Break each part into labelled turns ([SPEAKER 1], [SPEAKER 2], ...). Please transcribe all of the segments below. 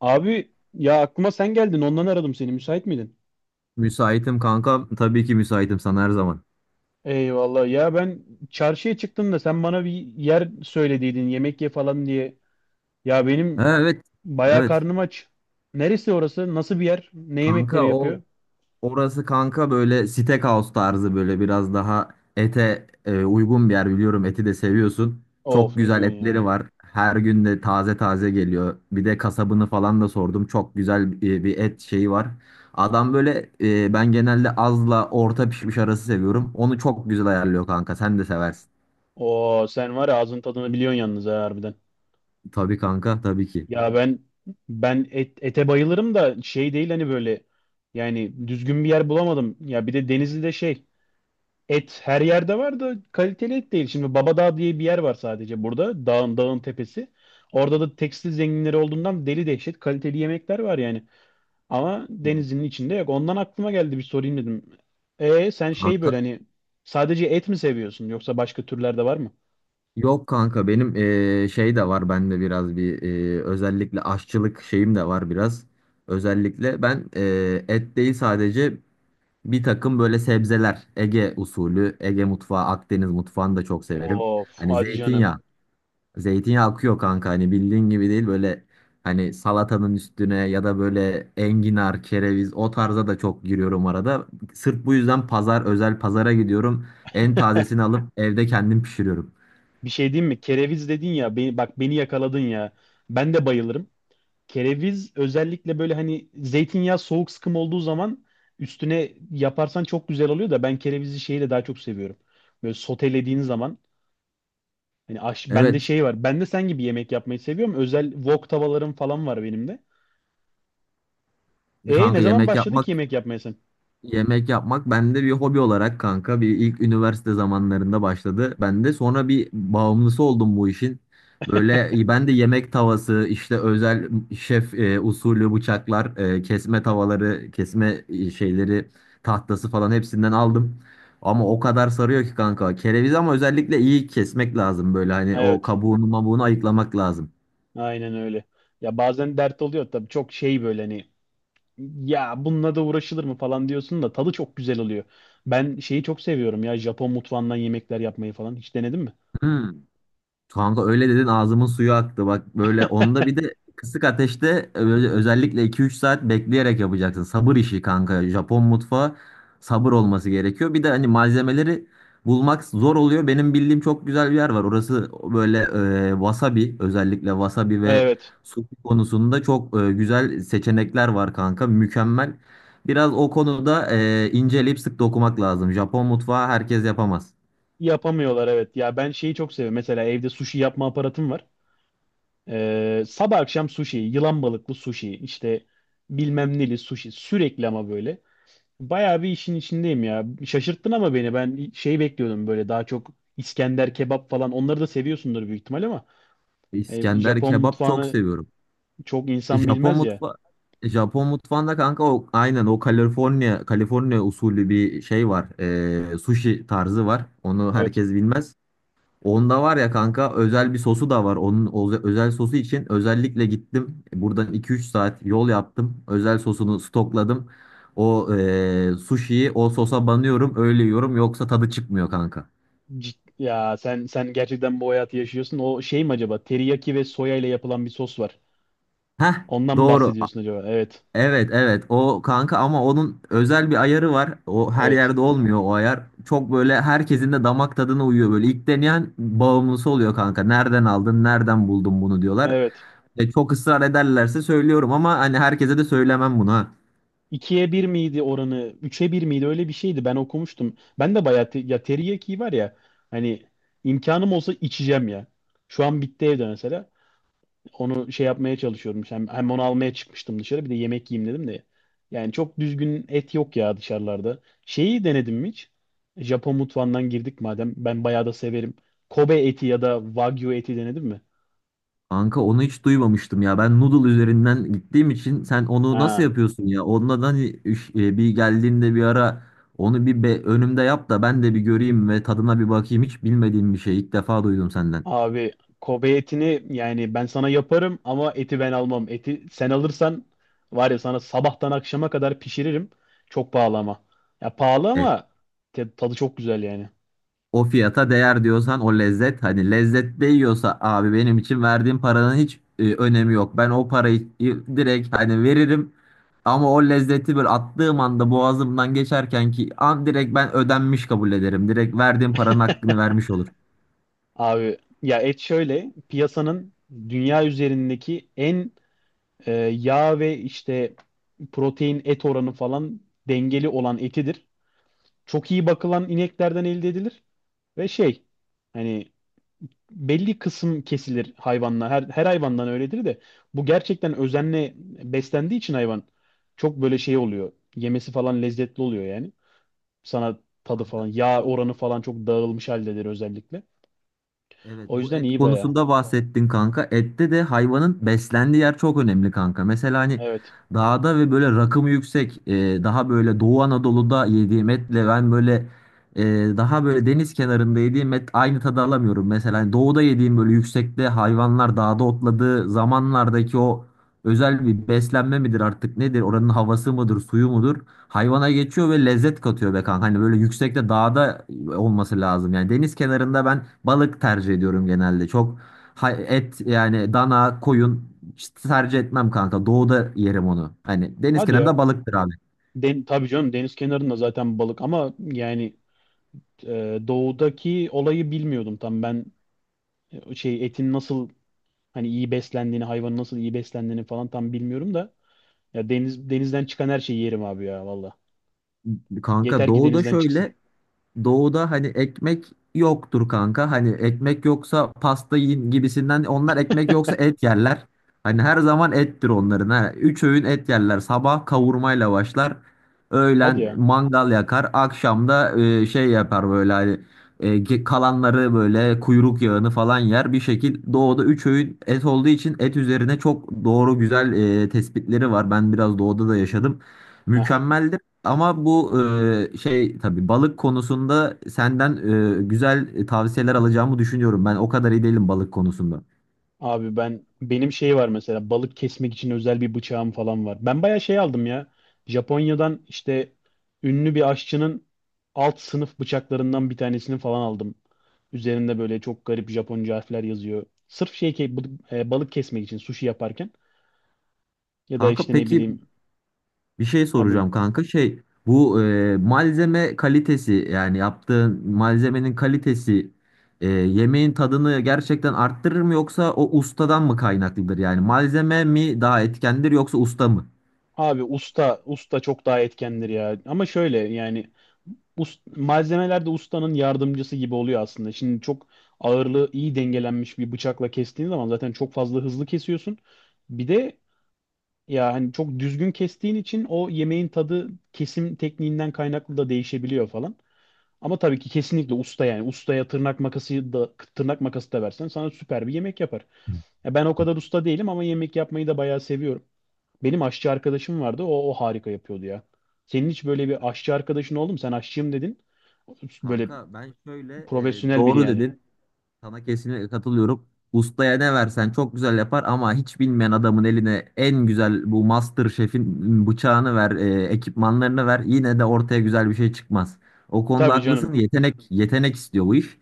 [SPEAKER 1] Abi ya aklıma sen geldin ondan aradım seni müsait miydin?
[SPEAKER 2] Müsaitim kanka. Tabii ki müsaitim sana her zaman.
[SPEAKER 1] Eyvallah ya ben çarşıya çıktım da sen bana bir yer söylediydin yemek ye falan diye. Ya benim
[SPEAKER 2] Ha, evet.
[SPEAKER 1] bayağı
[SPEAKER 2] Evet.
[SPEAKER 1] karnım aç. Neresi orası? Nasıl bir yer? Ne yemekleri
[SPEAKER 2] Kanka o
[SPEAKER 1] yapıyor?
[SPEAKER 2] orası kanka böyle steakhouse tarzı böyle biraz daha ete uygun bir yer biliyorum. Eti de seviyorsun.
[SPEAKER 1] Of
[SPEAKER 2] Çok
[SPEAKER 1] ne
[SPEAKER 2] güzel
[SPEAKER 1] diyorsun
[SPEAKER 2] etleri
[SPEAKER 1] ya?
[SPEAKER 2] var. Her gün de taze taze geliyor. Bir de kasabını falan da sordum. Çok güzel bir et şeyi var. Adam böyle ben genelde azla orta pişmiş arası seviyorum. Onu çok güzel ayarlıyor kanka. Sen de seversin.
[SPEAKER 1] Oo sen var ya ağzın tadını biliyorsun yalnız ha harbiden.
[SPEAKER 2] Tabii kanka tabii ki.
[SPEAKER 1] Ya ben ete bayılırım da şey değil hani böyle yani düzgün bir yer bulamadım. Ya bir de Denizli'de şey. Et her yerde var da kaliteli et değil. Şimdi Babadağ diye bir yer var sadece burada. Dağın tepesi. Orada da tekstil zenginleri olduğundan deli dehşet kaliteli yemekler var yani. Ama denizin içinde yok. Ondan aklıma geldi bir sorayım dedim. E sen şey böyle
[SPEAKER 2] Kanka
[SPEAKER 1] hani sadece et mi seviyorsun yoksa başka türler de var mı?
[SPEAKER 2] Yok kanka benim şey de var bende biraz bir özellikle aşçılık şeyim de var biraz. Özellikle ben et değil sadece bir takım böyle sebzeler Ege usulü Ege mutfağı Akdeniz mutfağını da çok severim.
[SPEAKER 1] Of
[SPEAKER 2] Hani
[SPEAKER 1] hadi canım.
[SPEAKER 2] zeytinyağı akıyor kanka hani bildiğin gibi değil böyle hani salatanın üstüne ya da böyle enginar kereviz o tarza da çok giriyorum arada. Sırf bu yüzden pazar özel pazara gidiyorum en tazesini alıp evde kendim pişiriyorum.
[SPEAKER 1] Bir şey diyeyim mi? Kereviz dedin ya beni, bak beni yakaladın ya. Ben de bayılırım. Kereviz özellikle böyle hani zeytinyağı soğuk sıkım olduğu zaman üstüne yaparsan çok güzel oluyor da ben kerevizi şeyle daha çok seviyorum. Böyle sotelediğin zaman hani bende
[SPEAKER 2] Evet.
[SPEAKER 1] şey var. Ben de sen gibi yemek yapmayı seviyorum. Özel wok tavalarım falan var benim de.
[SPEAKER 2] Bir
[SPEAKER 1] E
[SPEAKER 2] Kanka
[SPEAKER 1] ne zaman
[SPEAKER 2] yemek
[SPEAKER 1] başladın
[SPEAKER 2] yapmak
[SPEAKER 1] ki yemek yapmaya sen?
[SPEAKER 2] yemek yapmak bende bir hobi olarak kanka bir ilk üniversite zamanlarında başladı. Ben de sonra bir bağımlısı oldum bu işin. Böyle ben de yemek tavası işte özel şef usulü bıçaklar, kesme tavaları, kesme şeyleri, tahtası falan hepsinden aldım. Ama o kadar sarıyor ki kanka. Kereviz ama özellikle iyi kesmek lazım böyle hani o
[SPEAKER 1] Evet.
[SPEAKER 2] kabuğunu mabuğunu ayıklamak lazım.
[SPEAKER 1] Aynen öyle. Ya bazen dert oluyor tabii çok şey böyle hani ya bununla da uğraşılır mı falan diyorsun da tadı çok güzel oluyor. Ben şeyi çok seviyorum ya Japon mutfağından yemekler yapmayı falan. Hiç denedin mi?
[SPEAKER 2] Hmm. Kanka öyle dedin ağzımın suyu aktı. Bak böyle onda bir de kısık ateşte özellikle 2-3 saat bekleyerek yapacaksın. Sabır işi kanka. Japon mutfağı sabır olması gerekiyor. Bir de hani malzemeleri bulmak zor oluyor. Benim bildiğim çok güzel bir yer var. Orası böyle wasabi özellikle wasabi ve
[SPEAKER 1] Evet.
[SPEAKER 2] sushi konusunda çok güzel seçenekler var kanka. Mükemmel. Biraz o konuda inceleyip sık dokumak lazım. Japon mutfağı herkes yapamaz.
[SPEAKER 1] Yapamıyorlar evet. Ya ben şeyi çok seviyorum. Mesela evde sushi yapma aparatım var. Sabah akşam sushi, yılan balıklı sushi, işte bilmem neli sushi sürekli ama böyle. Bayağı bir işin içindeyim ya. Şaşırttın ama beni. Ben şey bekliyordum böyle daha çok İskender kebap falan. Onları da seviyorsundur büyük ihtimal ama
[SPEAKER 2] İskender
[SPEAKER 1] Japon
[SPEAKER 2] kebap çok
[SPEAKER 1] mutfağını
[SPEAKER 2] seviyorum.
[SPEAKER 1] çok
[SPEAKER 2] E,
[SPEAKER 1] insan
[SPEAKER 2] Japon
[SPEAKER 1] bilmez ya.
[SPEAKER 2] mutfa Japon mutfağında kanka o aynen o Kaliforniya usulü bir şey var. Sushi tarzı var. Onu
[SPEAKER 1] Evet.
[SPEAKER 2] herkes bilmez. Onda var ya kanka özel bir sosu da var. Onun özel sosu için özellikle gittim. Buradan iki üç saat yol yaptım. Özel sosunu stokladım. O sushi'yi o sosa banıyorum öyle yiyorum yoksa tadı çıkmıyor kanka.
[SPEAKER 1] Ya sen gerçekten bu hayatı yaşıyorsun. O şey mi acaba? Teriyaki ve soya ile yapılan bir sos var.
[SPEAKER 2] Heh
[SPEAKER 1] Ondan mı
[SPEAKER 2] doğru.
[SPEAKER 1] bahsediyorsun acaba? Evet.
[SPEAKER 2] Evet, evet, o kanka ama onun özel bir ayarı var. O her
[SPEAKER 1] Evet.
[SPEAKER 2] yerde olmuyor o ayar. Çok böyle herkesin de damak tadına uyuyor böyle. İlk deneyen bağımlısı oluyor kanka. Nereden aldın, nereden buldun bunu diyorlar.
[SPEAKER 1] Evet.
[SPEAKER 2] Çok ısrar ederlerse söylüyorum ama hani herkese de söylemem bunu ha.
[SPEAKER 1] 2'ye bir miydi oranı? Üçe bir miydi? Öyle bir şeydi. Ben okumuştum. Ben de bayağı ya teriyaki var ya hani imkanım olsa içeceğim ya. Şu an bitti evde mesela. Onu şey yapmaya çalışıyorum. Hem onu almaya çıkmıştım dışarı. Bir de yemek yiyeyim dedim de. Yani çok düzgün et yok ya dışarılarda. Şeyi denedim mi hiç? Japon mutfağından girdik madem. Ben bayağı da severim. Kobe eti ya da Wagyu eti denedim mi?
[SPEAKER 2] Kanka onu hiç duymamıştım ya. Ben noodle üzerinden gittiğim için sen onu nasıl
[SPEAKER 1] Ha.
[SPEAKER 2] yapıyorsun ya? Ondan hani bir geldiğinde bir ara onu önümde yap da ben de bir göreyim ve tadına bir bakayım. Hiç bilmediğim bir şey. İlk defa duydum senden.
[SPEAKER 1] Abi Kobe etini yani ben sana yaparım ama eti ben almam. Eti sen alırsan var ya sana sabahtan akşama kadar pişiririm. Çok pahalı ama. Ya pahalı
[SPEAKER 2] E,
[SPEAKER 1] ama tadı çok güzel yani.
[SPEAKER 2] O fiyata değer diyorsan o lezzet hani lezzet değiyorsa abi benim için verdiğim paranın hiç önemi yok. Ben o parayı direkt hani veririm ama o lezzeti böyle attığım anda boğazımdan geçerken ki an direkt ben ödenmiş kabul ederim. Direkt verdiğim paranın hakkını vermiş olur.
[SPEAKER 1] Abi ya et şöyle piyasanın dünya üzerindeki en yağ ve işte protein et oranı falan dengeli olan etidir. Çok iyi bakılan ineklerden elde edilir ve şey hani belli kısım kesilir hayvanla her hayvandan öyledir de bu gerçekten özenle beslendiği için hayvan çok böyle şey oluyor yemesi falan lezzetli oluyor yani sana tadı
[SPEAKER 2] Kanka,
[SPEAKER 1] falan yağ
[SPEAKER 2] bu
[SPEAKER 1] oranı falan çok dağılmış haldedir özellikle
[SPEAKER 2] Evet,
[SPEAKER 1] o
[SPEAKER 2] bu
[SPEAKER 1] yüzden
[SPEAKER 2] et
[SPEAKER 1] iyi baya
[SPEAKER 2] konusunda bahsettin kanka. Ette de hayvanın beslendiği yer çok önemli kanka. Mesela hani
[SPEAKER 1] evet
[SPEAKER 2] dağda ve böyle rakımı yüksek daha böyle Doğu Anadolu'da yediğim etle ben böyle e, daha böyle deniz kenarında yediğim et aynı tadı alamıyorum. Mesela hani doğuda yediğim böyle yüksekte hayvanlar dağda otladığı zamanlardaki o özel bir beslenme midir artık nedir? Oranın havası mıdır, suyu mudur? Hayvana geçiyor ve lezzet katıyor be kanka. Hani böyle yüksekte dağda olması lazım. Yani deniz kenarında ben balık tercih ediyorum genelde. Çok et yani dana, koyun işte tercih etmem kanka. Doğuda yerim onu. Hani deniz
[SPEAKER 1] hadi ya
[SPEAKER 2] kenarında balıktır abi.
[SPEAKER 1] Tabii canım deniz kenarında zaten balık ama yani doğudaki olayı bilmiyordum tam ben şey etin nasıl hani iyi beslendiğini hayvanın nasıl iyi beslendiğini falan tam bilmiyorum da ya denizden çıkan her şeyi yerim abi ya valla.
[SPEAKER 2] Kanka
[SPEAKER 1] Yeter ki
[SPEAKER 2] doğuda
[SPEAKER 1] denizden çıksın.
[SPEAKER 2] şöyle Doğuda hani ekmek yoktur kanka. Hani ekmek yoksa pasta yiyin gibisinden. Onlar ekmek yoksa et yerler. Hani her zaman ettir onların. Ha. 3 öğün et yerler. Sabah kavurmayla başlar.
[SPEAKER 1] Hadi
[SPEAKER 2] Öğlen
[SPEAKER 1] ya.
[SPEAKER 2] mangal yakar. Akşamda şey yapar böyle hani kalanları böyle kuyruk yağını falan yer. Bir şekil doğuda 3 öğün et olduğu için et üzerine çok doğru güzel tespitleri var. Ben biraz doğuda da yaşadım. Mükemmel ama bu şey tabii balık konusunda senden güzel tavsiyeler alacağımı düşünüyorum. Ben o kadar iyi değilim balık konusunda.
[SPEAKER 1] Abi benim şey var mesela balık kesmek için özel bir bıçağım falan var. Ben bayağı şey aldım ya. Japonya'dan işte ünlü bir aşçının alt sınıf bıçaklarından bir tanesini falan aldım. Üzerinde böyle çok garip Japonca harfler yazıyor. Sırf şey ki balık kesmek için sushi yaparken ya da
[SPEAKER 2] Kanka
[SPEAKER 1] işte ne
[SPEAKER 2] peki
[SPEAKER 1] bileyim
[SPEAKER 2] bir şey
[SPEAKER 1] ha bu
[SPEAKER 2] soracağım kanka. Şey bu malzeme kalitesi yani yaptığın malzemenin kalitesi yemeğin tadını gerçekten arttırır mı yoksa o ustadan mı kaynaklıdır? Yani malzeme mi daha etkendir yoksa usta mı?
[SPEAKER 1] abi usta çok daha etkendir ya. Ama şöyle yani malzemeler de ustanın yardımcısı gibi oluyor aslında. Şimdi çok ağırlığı iyi dengelenmiş bir bıçakla kestiğin zaman zaten çok fazla hızlı kesiyorsun. Bir de ya hani çok düzgün kestiğin için o yemeğin tadı kesim tekniğinden kaynaklı da değişebiliyor falan. Ama tabii ki kesinlikle usta yani ustaya tırnak makası da tırnak makası da versen sana süper bir yemek yapar. Ya ben o kadar usta değilim ama yemek yapmayı da bayağı seviyorum. Benim aşçı arkadaşım vardı. O harika yapıyordu ya. Senin hiç böyle bir aşçı arkadaşın oldu mu? Sen aşçıyım dedin. Böyle
[SPEAKER 2] Kanka ben şöyle e,
[SPEAKER 1] profesyonel biri
[SPEAKER 2] doğru
[SPEAKER 1] yani.
[SPEAKER 2] dedin. Sana kesinlikle katılıyorum. Ustaya ne versen çok güzel yapar ama hiç bilmeyen adamın eline en güzel bu Master Chef'in bıçağını ver, ekipmanlarını ver yine de ortaya güzel bir şey çıkmaz. O konuda
[SPEAKER 1] Tabii
[SPEAKER 2] haklısın.
[SPEAKER 1] canım.
[SPEAKER 2] Yetenek istiyor bu iş.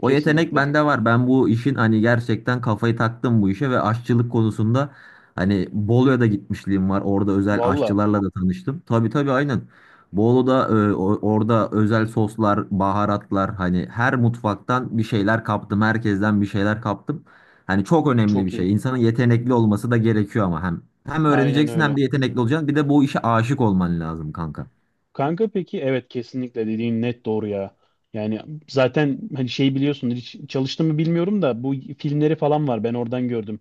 [SPEAKER 2] O yetenek
[SPEAKER 1] Kesinlikle.
[SPEAKER 2] bende var. Ben bu işin hani gerçekten kafayı taktım bu işe ve aşçılık konusunda hani Bolu'ya da gitmişliğim var. Orada özel
[SPEAKER 1] Valla
[SPEAKER 2] aşçılarla da tanıştım. Tabii tabii aynen. Bolu'da orada özel soslar, baharatlar hani her mutfaktan bir şeyler kaptım. Herkesten bir şeyler kaptım. Hani çok önemli bir
[SPEAKER 1] çok iyi.
[SPEAKER 2] şey. İnsanın yetenekli olması da gerekiyor ama hem
[SPEAKER 1] Aynen
[SPEAKER 2] öğreneceksin hem
[SPEAKER 1] öyle.
[SPEAKER 2] de yetenekli olacaksın. Bir de bu işe aşık olman lazım kanka.
[SPEAKER 1] Kanka peki evet kesinlikle dediğin net doğru ya. Yani zaten hani şey biliyorsun hiç çalıştım mı bilmiyorum da bu filmleri falan var ben oradan gördüm.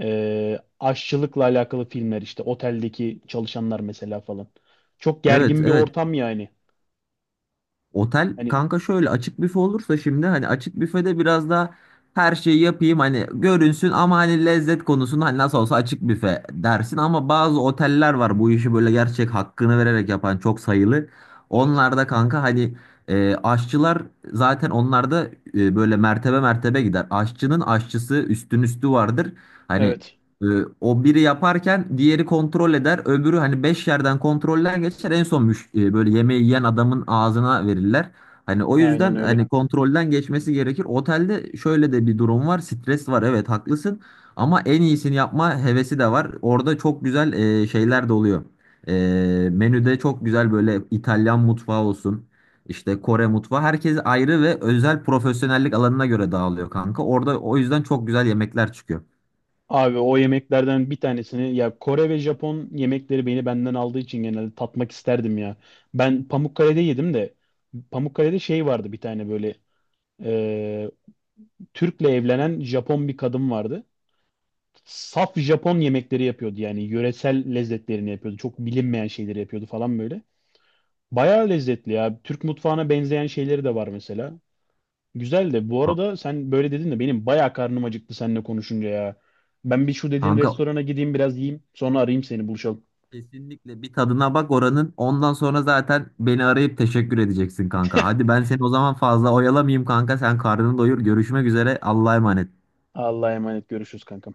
[SPEAKER 1] Aşçılıkla alakalı filmler işte oteldeki çalışanlar mesela falan. Çok
[SPEAKER 2] Evet,
[SPEAKER 1] gergin bir
[SPEAKER 2] evet.
[SPEAKER 1] ortam yani.
[SPEAKER 2] Otel
[SPEAKER 1] Hani
[SPEAKER 2] kanka şöyle açık büfe olursa şimdi hani açık büfede biraz daha her şeyi yapayım hani görünsün ama hani lezzet konusunda hani nasıl olsa açık büfe dersin ama bazı oteller var bu işi böyle gerçek hakkını vererek yapan çok sayılı.
[SPEAKER 1] evet
[SPEAKER 2] Onlarda kanka hani aşçılar zaten onlarda böyle mertebe mertebe gider. Aşçının aşçısı üstün üstü vardır. Hani
[SPEAKER 1] evet
[SPEAKER 2] ee, o biri yaparken diğeri kontrol eder. Öbürü hani 5 yerden kontrolden geçer. En son böyle yemeği yiyen adamın ağzına verirler. Hani o
[SPEAKER 1] aynen
[SPEAKER 2] yüzden
[SPEAKER 1] öyle.
[SPEAKER 2] hani kontrolden geçmesi gerekir. Otelde şöyle de bir durum var. Stres var. Evet, haklısın. Ama en iyisini yapma hevesi de var. Orada çok güzel şeyler de oluyor. E, Menüde çok güzel böyle İtalyan mutfağı olsun. İşte Kore mutfağı. Herkes ayrı ve özel profesyonellik alanına göre dağılıyor kanka. Orada o yüzden çok güzel yemekler çıkıyor.
[SPEAKER 1] Abi o yemeklerden bir tanesini ya Kore ve Japon yemekleri beni benden aldığı için genelde tatmak isterdim ya. Ben Pamukkale'de yedim de Pamukkale'de şey vardı bir tane böyle ee, Türk'le evlenen Japon bir kadın vardı. Saf Japon yemekleri yapıyordu yani yöresel lezzetlerini yapıyordu. Çok bilinmeyen şeyleri yapıyordu falan böyle. Bayağı lezzetli ya. Türk mutfağına benzeyen şeyleri de var mesela. Güzel de bu
[SPEAKER 2] Ka-
[SPEAKER 1] arada sen böyle dedin de benim bayağı karnım acıktı seninle konuşunca ya. Ben bir şu dediğin
[SPEAKER 2] Kanka
[SPEAKER 1] restorana gideyim biraz yiyeyim. Sonra arayayım seni buluşalım.
[SPEAKER 2] Kesinlikle bir tadına bak oranın. Ondan sonra zaten beni arayıp teşekkür edeceksin kanka. Hadi ben seni o zaman fazla oyalamayayım kanka. Sen karnını doyur. Görüşmek üzere. Allah'a emanet.
[SPEAKER 1] Allah'a emanet görüşürüz kankam.